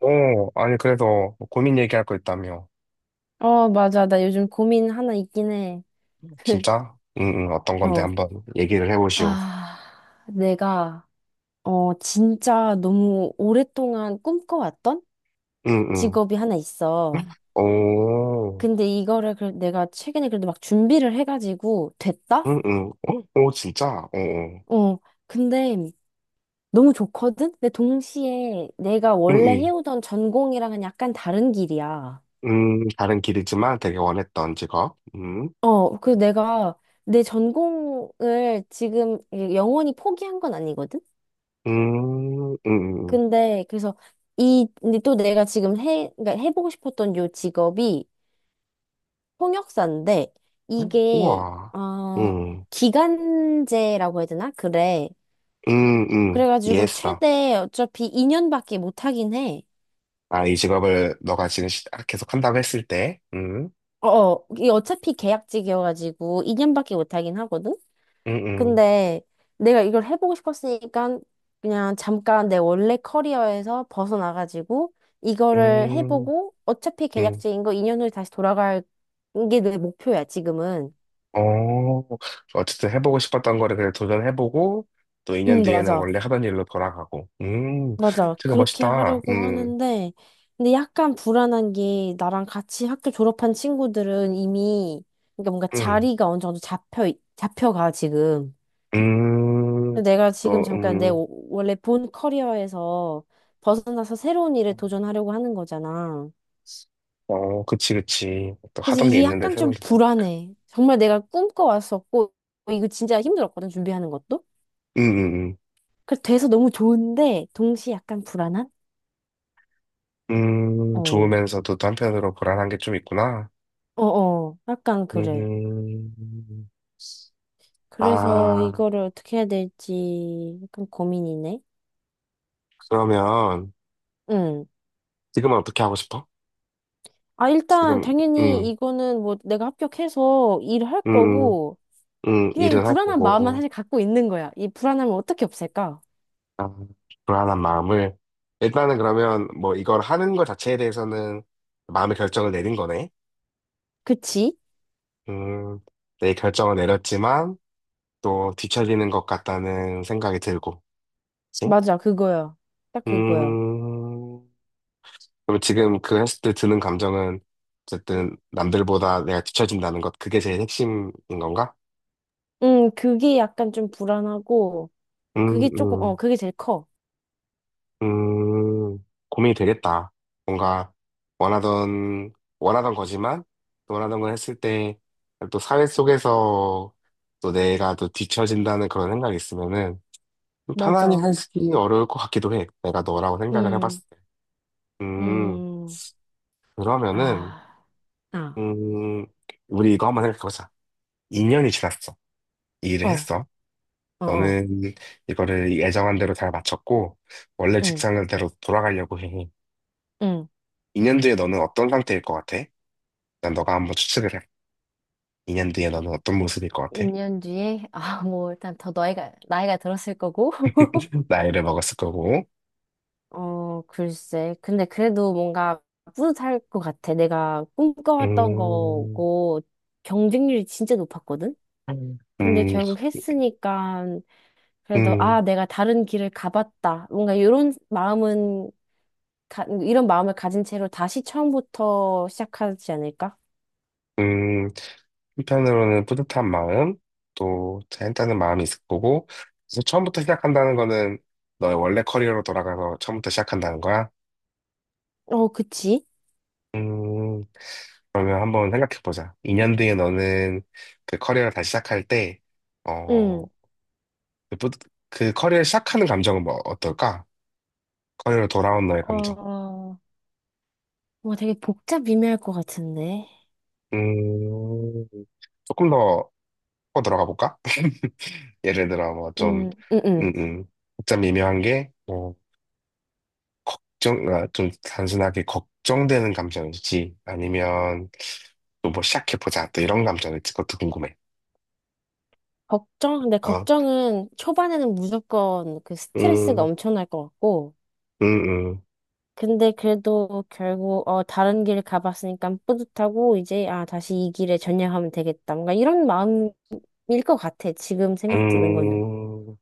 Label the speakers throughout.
Speaker 1: 어, 아니, 그래서 뭐 고민 얘기할 거 있다며.
Speaker 2: 맞아. 나 요즘 고민 하나 있긴 해.
Speaker 1: 진짜? 응, 응, 어떤 건데
Speaker 2: 어,
Speaker 1: 한번 얘기를 해보시오.
Speaker 2: 아, 내가, 진짜 너무 오랫동안 꿈꿔왔던
Speaker 1: 응, 응.
Speaker 2: 직업이 하나 있어.
Speaker 1: 오,
Speaker 2: 근데 이거를 내가 최근에 그래도 막 준비를 해가지고 됐다?
Speaker 1: 응, 응. 어? 오, 진짜? 어, 어.
Speaker 2: 어, 근데 너무 좋거든? 근데 동시에 내가
Speaker 1: 응,
Speaker 2: 원래
Speaker 1: 응.
Speaker 2: 해오던 전공이랑은 약간 다른 길이야.
Speaker 1: 다른 길이지만 되게 원했던 직업.
Speaker 2: 내가 내 전공을 지금 영원히 포기한 건 아니거든?
Speaker 1: 음, 음, 음.
Speaker 2: 근데 그래서 이 근데 또 내가 지금 해 그러니까 해보고 싶었던 요 직업이 통역사인데,
Speaker 1: 음.
Speaker 2: 이게
Speaker 1: 우와.
Speaker 2: 어
Speaker 1: 음,
Speaker 2: 기간제라고 해야 되나? 그래. 그래가지고
Speaker 1: 이해했어.
Speaker 2: 최대 어차피 2년밖에 못 하긴 해.
Speaker 1: 아, 이 직업을 너가 지금 계속 한다고 했을 때.
Speaker 2: 어, 어, 이게 어차피 계약직이어가지고 2년밖에 못 하긴 하거든.
Speaker 1: 음, 음,
Speaker 2: 근데 내가 이걸 해보고 싶었으니까 그냥 잠깐 내 원래 커리어에서 벗어나가지고 이거를
Speaker 1: 음,
Speaker 2: 해보고, 어차피
Speaker 1: 음.
Speaker 2: 계약직인 거 2년 후에 다시 돌아갈 게 내 목표야, 지금은.
Speaker 1: 어, 어쨌든 해보고 싶었던 거를 그냥 도전해보고, 또 2년
Speaker 2: 응,
Speaker 1: 뒤에는
Speaker 2: 맞아.
Speaker 1: 원래 하던 일로 돌아가고.
Speaker 2: 맞아.
Speaker 1: 되게
Speaker 2: 그렇게
Speaker 1: 멋있다.
Speaker 2: 하려고 하는데, 근데 약간 불안한 게 나랑 같이 학교 졸업한 친구들은 이미, 그러니까 뭔가
Speaker 1: 음,
Speaker 2: 자리가 어느 정도 잡혀가, 지금.
Speaker 1: 음,
Speaker 2: 근데 내가 지금
Speaker 1: 또,
Speaker 2: 잠깐 내 원래 본 커리어에서 벗어나서 새로운 일에 도전하려고 하는 거잖아.
Speaker 1: 어, 그치, 그치. 또
Speaker 2: 그래서
Speaker 1: 하던 게
Speaker 2: 이게
Speaker 1: 있는데
Speaker 2: 약간
Speaker 1: 새로운
Speaker 2: 좀
Speaker 1: 게 나니까.
Speaker 2: 불안해. 정말 내가 꿈꿔왔었고, 이거 진짜 힘들었거든, 준비하는 것도.
Speaker 1: 음, 음,
Speaker 2: 그래서 돼서 너무 좋은데, 동시에 약간 불안한? 어,
Speaker 1: 좋으면서도 또 한편으로 불안한 게 좀 있구나.
Speaker 2: 어, 어, 약간 그래.
Speaker 1: 음,
Speaker 2: 그래서
Speaker 1: 아,
Speaker 2: 이거를 어떻게 해야 될지 약간 고민이네.
Speaker 1: 그러면
Speaker 2: 응.
Speaker 1: 지금은 어떻게 하고 싶어?
Speaker 2: 아, 일단
Speaker 1: 지금,
Speaker 2: 당연히
Speaker 1: 음,
Speaker 2: 이거는 뭐 내가 합격해서 일할
Speaker 1: 음, 음,
Speaker 2: 거고, 그냥 이
Speaker 1: 일을 할
Speaker 2: 불안한 마음만
Speaker 1: 거고.
Speaker 2: 사실 갖고 있는 거야. 이 불안함을 어떻게 없앨까?
Speaker 1: 아, 불안한 마음을. 일단은 그러면 뭐 이걸 하는 것 자체에 대해서는 마음의 결정을 내린 거네.
Speaker 2: 그치?
Speaker 1: 음, 내 결정을 내렸지만 또 뒤처지는 것 같다는 생각이 들고. 그치?
Speaker 2: 맞아, 그거야. 딱 그거야.
Speaker 1: 음, 그럼 지금 그 했을 때 드는 감정은 어쨌든 남들보다 내가 뒤처진다는 것, 그게 제일 핵심인 건가?
Speaker 2: 그게 약간 좀 불안하고,
Speaker 1: 음,
Speaker 2: 그게 조금,
Speaker 1: 음.
Speaker 2: 그게 제일 커.
Speaker 1: 음, 고민이 되겠다. 뭔가 원하던, 원하던 거지만, 또 원하던 걸 했을 때, 또 사회 속에서 또 내가 또 뒤처진다는 그런 생각이 있으면은, 좀 편안히
Speaker 2: 맞아.
Speaker 1: 하기 어려울 것 같기도 해. 내가 너라고 생각을 해봤을
Speaker 2: 음,
Speaker 1: 때. 음,
Speaker 2: 음,
Speaker 1: 그러면은,
Speaker 2: 아, 아,
Speaker 1: 음, 우리 이거 한번 생각해보자. 2년이 지났어. 이 일을
Speaker 2: 어,
Speaker 1: 했어.
Speaker 2: 어, 어,
Speaker 1: 너는 이거를 예정한 대로 잘 마쳤고, 원래
Speaker 2: 응,
Speaker 1: 직장대로 돌아가려고 해.
Speaker 2: 응.
Speaker 1: 2년 뒤에 너는 어떤 상태일 것 같아? 일단 너가 한번 추측을 해. 2년 뒤에 너는 어떤 모습일 것 같아?
Speaker 2: 1년 뒤에, 아, 뭐, 일단 더 나이가, 들었을 거고.
Speaker 1: 나이를 먹었을 거고.
Speaker 2: 어, 글쎄. 근데 그래도 뭔가 뿌듯할 것 같아. 내가 꿈꿔왔던
Speaker 1: 음,
Speaker 2: 거고, 경쟁률이 진짜 높았거든?
Speaker 1: 음,
Speaker 2: 근데
Speaker 1: 음,
Speaker 2: 결국 했으니까, 그래도,
Speaker 1: 음,
Speaker 2: 아, 내가 다른 길을 가봤다. 뭔가 이런 마음은, 이런 마음을 가진 채로 다시 처음부터 시작하지 않을까?
Speaker 1: 음. 한편으로는 뿌듯한 마음, 또 자연다는 마음이 있을 거고. 그래서 처음부터 시작한다는 거는 너의 원래 커리어로 돌아가서 처음부터 시작한다는 거야.
Speaker 2: 어, 그치?
Speaker 1: 음, 그러면 한번 생각해 보자. 2년 뒤에 너는 그 커리어를 다시 시작할 때, 어,
Speaker 2: 응.
Speaker 1: 그 그 커리어를 시작하는 감정은 뭐 어떨까? 커리어로 돌아온 너의 감정.
Speaker 2: 어, 뭐 되게 복잡 미묘할 것 같은데.
Speaker 1: 음, 조금 더 파고 들어가 볼까? 예를 들어, 뭐, 좀,
Speaker 2: 응, 응,
Speaker 1: 음,
Speaker 2: 응.
Speaker 1: 음, 좀 미묘한 게, 뭐, 걱정, 아, 좀 단순하게 걱정되는 감정이지. 아니면, 또 뭐, 시작해보자. 또 이런 감정일지. 그것도 궁금해.
Speaker 2: 근데
Speaker 1: 어,
Speaker 2: 걱정은 초반에는 무조건 그 스트레스가
Speaker 1: 음,
Speaker 2: 엄청날 것 같고,
Speaker 1: 음,
Speaker 2: 근데 그래도 결국, 다른 길 가봤으니까 뿌듯하고, 이제, 다시 이 길에 전향하면 되겠다. 뭔가 이런 마음일 것 같아. 지금 생각 드는 거는.
Speaker 1: 음, 음,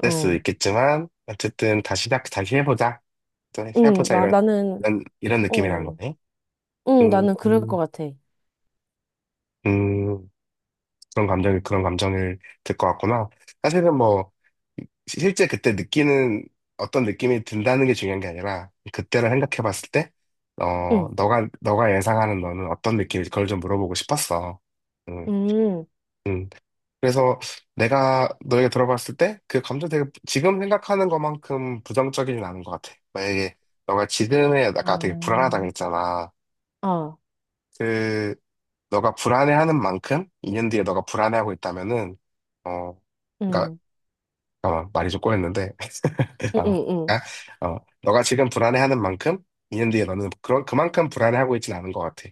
Speaker 1: 될 수도
Speaker 2: 어.
Speaker 1: 있겠지만, 어쨌든, 다시, 다시 해보자. 또
Speaker 2: 응,
Speaker 1: 해보자. 이런,
Speaker 2: 나는,
Speaker 1: 이런 느낌이라는
Speaker 2: 어.
Speaker 1: 거네.
Speaker 2: 응,
Speaker 1: 음,
Speaker 2: 나는 그럴 것
Speaker 1: 음,
Speaker 2: 같아.
Speaker 1: 음. 그런 감정이 그런 감정일 들것 같구나. 사실은 뭐 실제 그때 느끼는 어떤 느낌이 든다는 게 중요한 게 아니라 그때를 생각해 봤을 때 어,
Speaker 2: 응,
Speaker 1: 너가 예상하는 너는 어떤 느낌인지 그걸 좀 물어보고 싶었어. 음,
Speaker 2: 응.
Speaker 1: 음. 그래서 내가 너에게 들어봤을 때 그 감정 되게 지금 생각하는 것만큼 부정적이진 않은 것 같아. 만약에 너가 지금에
Speaker 2: 아,
Speaker 1: 아까 되게 불안하다고 했잖아.
Speaker 2: 어,
Speaker 1: 그 너가 불안해하는 만큼 2년 뒤에 너가 불안해하고 있다면은 어, 그러니까
Speaker 2: 응,
Speaker 1: 어, 말이 좀 꼬였는데,
Speaker 2: 응, 응,
Speaker 1: 어,
Speaker 2: 응.
Speaker 1: 아, 어, 너가 지금 불안해하는 만큼 2년 뒤에 너는 그런, 그만큼 불안해하고 있진 않은 것 같아.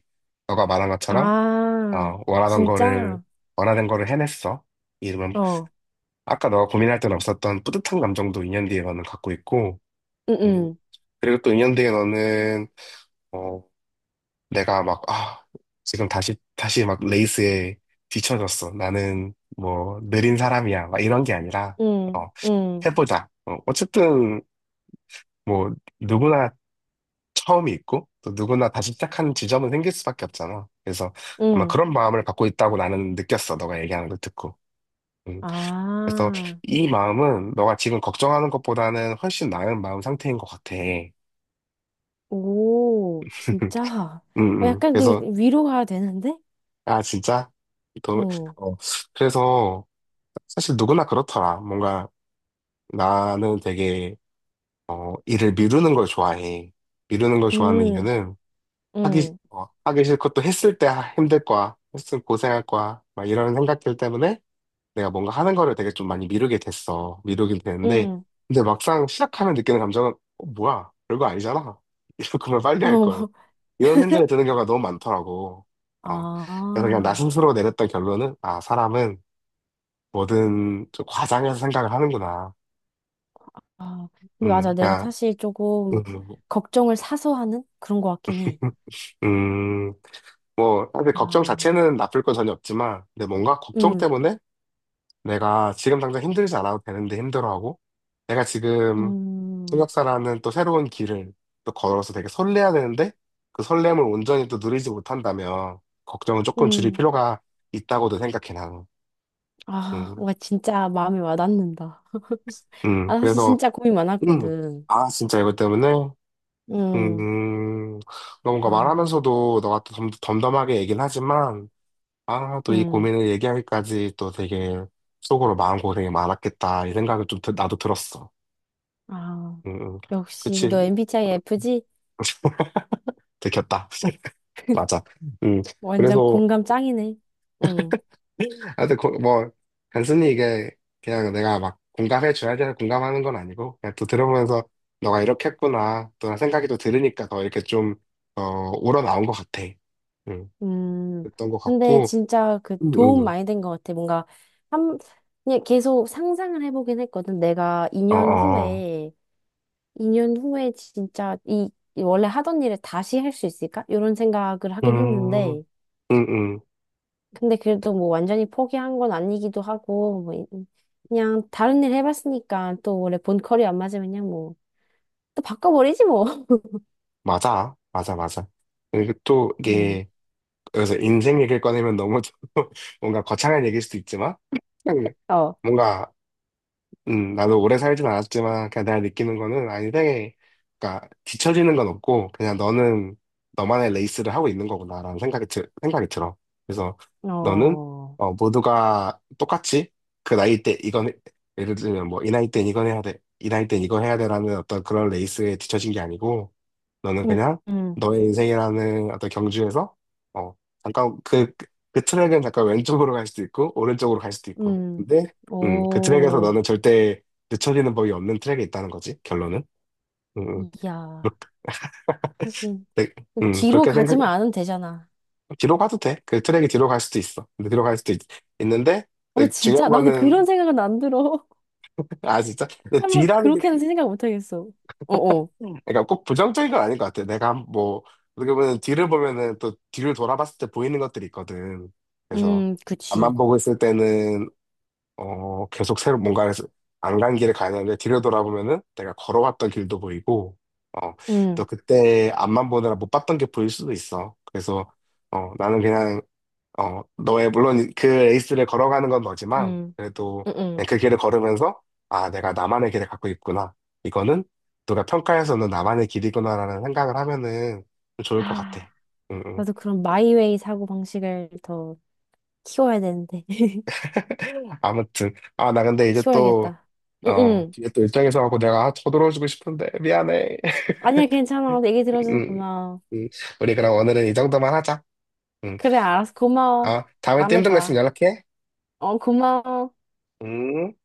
Speaker 1: 너가 말한 것처럼,
Speaker 2: 아,
Speaker 1: 어, 원하던 거를,
Speaker 2: 진짜?
Speaker 1: 원하는 거를 해냈어. 이러면,
Speaker 2: 어,
Speaker 1: 아까 너가 고민할 때는 없었던 뿌듯한 감정도 2년 뒤에 너는 갖고 있고,
Speaker 2: 응,
Speaker 1: 음,
Speaker 2: 응,
Speaker 1: 그리고 또 2년 뒤에 너는, 어, 내가 막, 아, 지금 다시, 막 레이스에 뒤처졌어. 나는 뭐, 느린 사람이야. 막 이런 게 아니라,
Speaker 2: 응,
Speaker 1: 어,
Speaker 2: 응,
Speaker 1: 해보자. 어, 어쨌든 뭐 누구나 처음이 있고 또 누구나 다시 시작하는 지점은 생길 수밖에 없잖아. 그래서 아마
Speaker 2: 응.
Speaker 1: 그런 마음을 갖고 있다고 나는 느꼈어. 너가 얘기하는 걸 듣고. 음, 그래서
Speaker 2: 아,
Speaker 1: 이 마음은 너가 지금 걱정하는 것보다는 훨씬 나은 마음 상태인 것 같아.
Speaker 2: 오, 진짜. 어,
Speaker 1: 음,
Speaker 2: 약간 또
Speaker 1: 그래서
Speaker 2: 위로가 되는데?
Speaker 1: 아 진짜 너,
Speaker 2: 응,
Speaker 1: 어, 그래서 사실 누구나 그렇더라. 뭔가 나는 되게 어, 일을 미루는 걸 좋아해. 미루는 걸 좋아하는
Speaker 2: 응,
Speaker 1: 이유는 하기,
Speaker 2: 응,
Speaker 1: 어, 하기 싫고 또 했을 때 힘들 거야. 했으면 고생할 거야. 막 이런 생각들 때문에 내가 뭔가 하는 거를 되게 좀 많이 미루게 됐어. 미루긴 되는데.
Speaker 2: 응.
Speaker 1: 근데 막상 시작하면 느끼는 감정은, 어, 뭐야. 별거 아니잖아. 이럴 거면 빨리 할
Speaker 2: 어,
Speaker 1: 걸.
Speaker 2: 뭐.
Speaker 1: 이런 생각이 드는 경우가 너무 많더라고. 어. 그래서 그냥 나
Speaker 2: 아,
Speaker 1: 스스로 내렸던 결론은, 아, 사람은 뭐든 좀 과장해서 생각을 하는구나.
Speaker 2: 아. 근데 맞아. 내가
Speaker 1: 그냥,
Speaker 2: 사실 조금
Speaker 1: 음,
Speaker 2: 걱정을 사서 하는 그런 것 같긴 해.
Speaker 1: 음, 뭐, 사실 걱정
Speaker 2: 아,
Speaker 1: 자체는 나쁠 건 전혀 없지만, 근데 뭔가 걱정
Speaker 2: 응,
Speaker 1: 때문에 내가 지금 당장 힘들지 않아도 되는데 힘들어하고, 내가 지금
Speaker 2: 음,
Speaker 1: 통역사라는 또 새로운 길을 또 걸어서 되게 설레야 되는데, 그 설렘을 온전히 또 누리지 못한다면, 걱정은 조금 줄일
Speaker 2: 응.
Speaker 1: 필요가 있다고도 생각해, 나는.
Speaker 2: 아,
Speaker 1: 음,
Speaker 2: 와, 진짜 마음이 와닿는다. 아, 사실
Speaker 1: 그래서,
Speaker 2: 진짜 고민
Speaker 1: 음,
Speaker 2: 많았거든.
Speaker 1: 아, 진짜 이것 때문에,
Speaker 2: 응,
Speaker 1: 음, 뭔가
Speaker 2: 아,
Speaker 1: 말하면서도 너가 또 덤덤하게 얘긴 하지만, 아, 또 이
Speaker 2: 응,
Speaker 1: 고민을 얘기하기까지 또 되게 속으로 마음고생이 많았겠다, 이 생각이 좀 나도 들었어.
Speaker 2: 아.
Speaker 1: 음, 음.
Speaker 2: 역시,
Speaker 1: 그치.
Speaker 2: 너 MBTI F지?
Speaker 1: 들켰다. 맞아. 음,
Speaker 2: 완전
Speaker 1: 그래서,
Speaker 2: 공감 짱이네. 응.
Speaker 1: 하여튼, 뭐, 단순히 이게 그냥 내가 막 공감해줘야 돼서 공감하는 건 아니고, 그냥 또 들어보면서 너가 이렇게 했구나. 또 생각이 또 들으니까 더 이렇게 좀, 어, 우러나온 것 같아. 음,
Speaker 2: 음.
Speaker 1: 그랬던 것
Speaker 2: 근데
Speaker 1: 같고,
Speaker 2: 진짜 그
Speaker 1: 음,
Speaker 2: 도움
Speaker 1: 음.
Speaker 2: 많이 된 것 같아. 뭔가 한 그냥 계속 상상을 해보긴 했거든. 내가
Speaker 1: 어,
Speaker 2: 2년
Speaker 1: 어.
Speaker 2: 후에 2년 후에 진짜 이이 원래 하던 일을 다시 할 수 있을까? 이런 생각을 하긴
Speaker 1: 음,
Speaker 2: 했는데,
Speaker 1: 음, 음.
Speaker 2: 근데 그래도 뭐 완전히 포기한 건 아니기도 하고, 뭐 그냥 다른 일 해봤으니까 또 원래 본 컬이 안 맞으면 그냥 뭐 또 바꿔버리지 뭐.
Speaker 1: 맞아. 맞아, 맞아. 그리고 또
Speaker 2: 음.
Speaker 1: 이게, 그래서 인생 얘기를 꺼내면 너무 좀 뭔가 거창한 얘기일 수도 있지만, 음,
Speaker 2: 어.
Speaker 1: 뭔가 나도 오래 살진 않았지만, 그냥 내가 느끼는 거는, 아, 인생에, 그러니까, 뒤처지는 건 없고, 그냥 너는 너만의 레이스를 하고 있는 거구나라는 생각이, 들, 생각이 들어. 그래서 너는,
Speaker 2: 어.
Speaker 1: 어, 모두가 똑같이, 그 나이 때 이건, 예를 들면 뭐, 이 나이 땐 이건 해야 돼, 이 나이 땐 이거 해야 돼라는 어떤 그런 레이스에 뒤처진 게 아니고, 너는
Speaker 2: 음.
Speaker 1: 그냥
Speaker 2: 음.
Speaker 1: 너의 인생이라는 어떤 경주에서 어 잠깐 그, 그 트랙은 잠깐 왼쪽으로 갈 수도 있고 오른쪽으로 갈 수도 있고
Speaker 2: 음,
Speaker 1: 근데 그 트랙에서
Speaker 2: 오,
Speaker 1: 너는 절대 늦춰지는 법이 없는 트랙에 있다는 거지 결론은. 음, 음.
Speaker 2: 이야, 하긴.
Speaker 1: 그렇게,
Speaker 2: 뒤로
Speaker 1: 그렇게 생각
Speaker 2: 가지만 않으면 되잖아.
Speaker 1: 뒤로 가도 돼 그 트랙이 뒤로 갈 수도 있어 근데 뒤로 갈 수도 있, 는데
Speaker 2: 아,
Speaker 1: 중요한
Speaker 2: 진짜? 나는 그런
Speaker 1: 거는
Speaker 2: 생각은 안 들어.
Speaker 1: 아 진짜 근데
Speaker 2: 설마
Speaker 1: 뒤라는
Speaker 2: 그렇게는 생각 못 하겠어. 어어.
Speaker 1: 그러니까 꼭 부정적인 건 아닌 것 같아. 내가 뭐 어떻게 보면 뒤를 보면은 또 뒤를 돌아봤을 때 보이는 것들이 있거든. 그래서 앞만
Speaker 2: 그치.
Speaker 1: 보고 있을 때는 어 계속 새로 뭔가 안 간 길을 가야 되는데 뒤를 돌아보면은 내가 걸어왔던 길도 보이고 어 또
Speaker 2: 음,
Speaker 1: 그때 앞만 보느라 못 봤던 게 보일 수도 있어. 그래서 어 나는 그냥 어, 너의, 물론 그 레이스를 걸어가는 건 너지만,
Speaker 2: 음,
Speaker 1: 그래도
Speaker 2: 음, 음.
Speaker 1: 그냥 그 길을 걸으면서, 아, 내가 나만의 길을 갖고 있구나. 이거는 누가 평가해서는 나만의 길이구나라는 생각을 하면은 좀 좋을 것 같아.
Speaker 2: 아,
Speaker 1: 음, 음.
Speaker 2: 나도 그런 마이웨이 사고 방식을 더 키워야 되는데.
Speaker 1: 아무튼. 아, 나 근데 이제 또,
Speaker 2: 키워야겠다. 응,
Speaker 1: 어,
Speaker 2: 응.
Speaker 1: 뒤에 또 일정이 있어갖고 내가 쳐돌어주고 싶은데, 미안해.
Speaker 2: 아니야, 괜찮아. 얘기 들어줘서
Speaker 1: 음,
Speaker 2: 고마워.
Speaker 1: 음. 우리 그럼 오늘은 이 정도만 하자. 음.
Speaker 2: 그래, 알았어. 고마워.
Speaker 1: 아, 다음에 또
Speaker 2: 다음에
Speaker 1: 힘든 거
Speaker 2: 봐.
Speaker 1: 있으면 연락해.
Speaker 2: 어, 고마워.
Speaker 1: 음.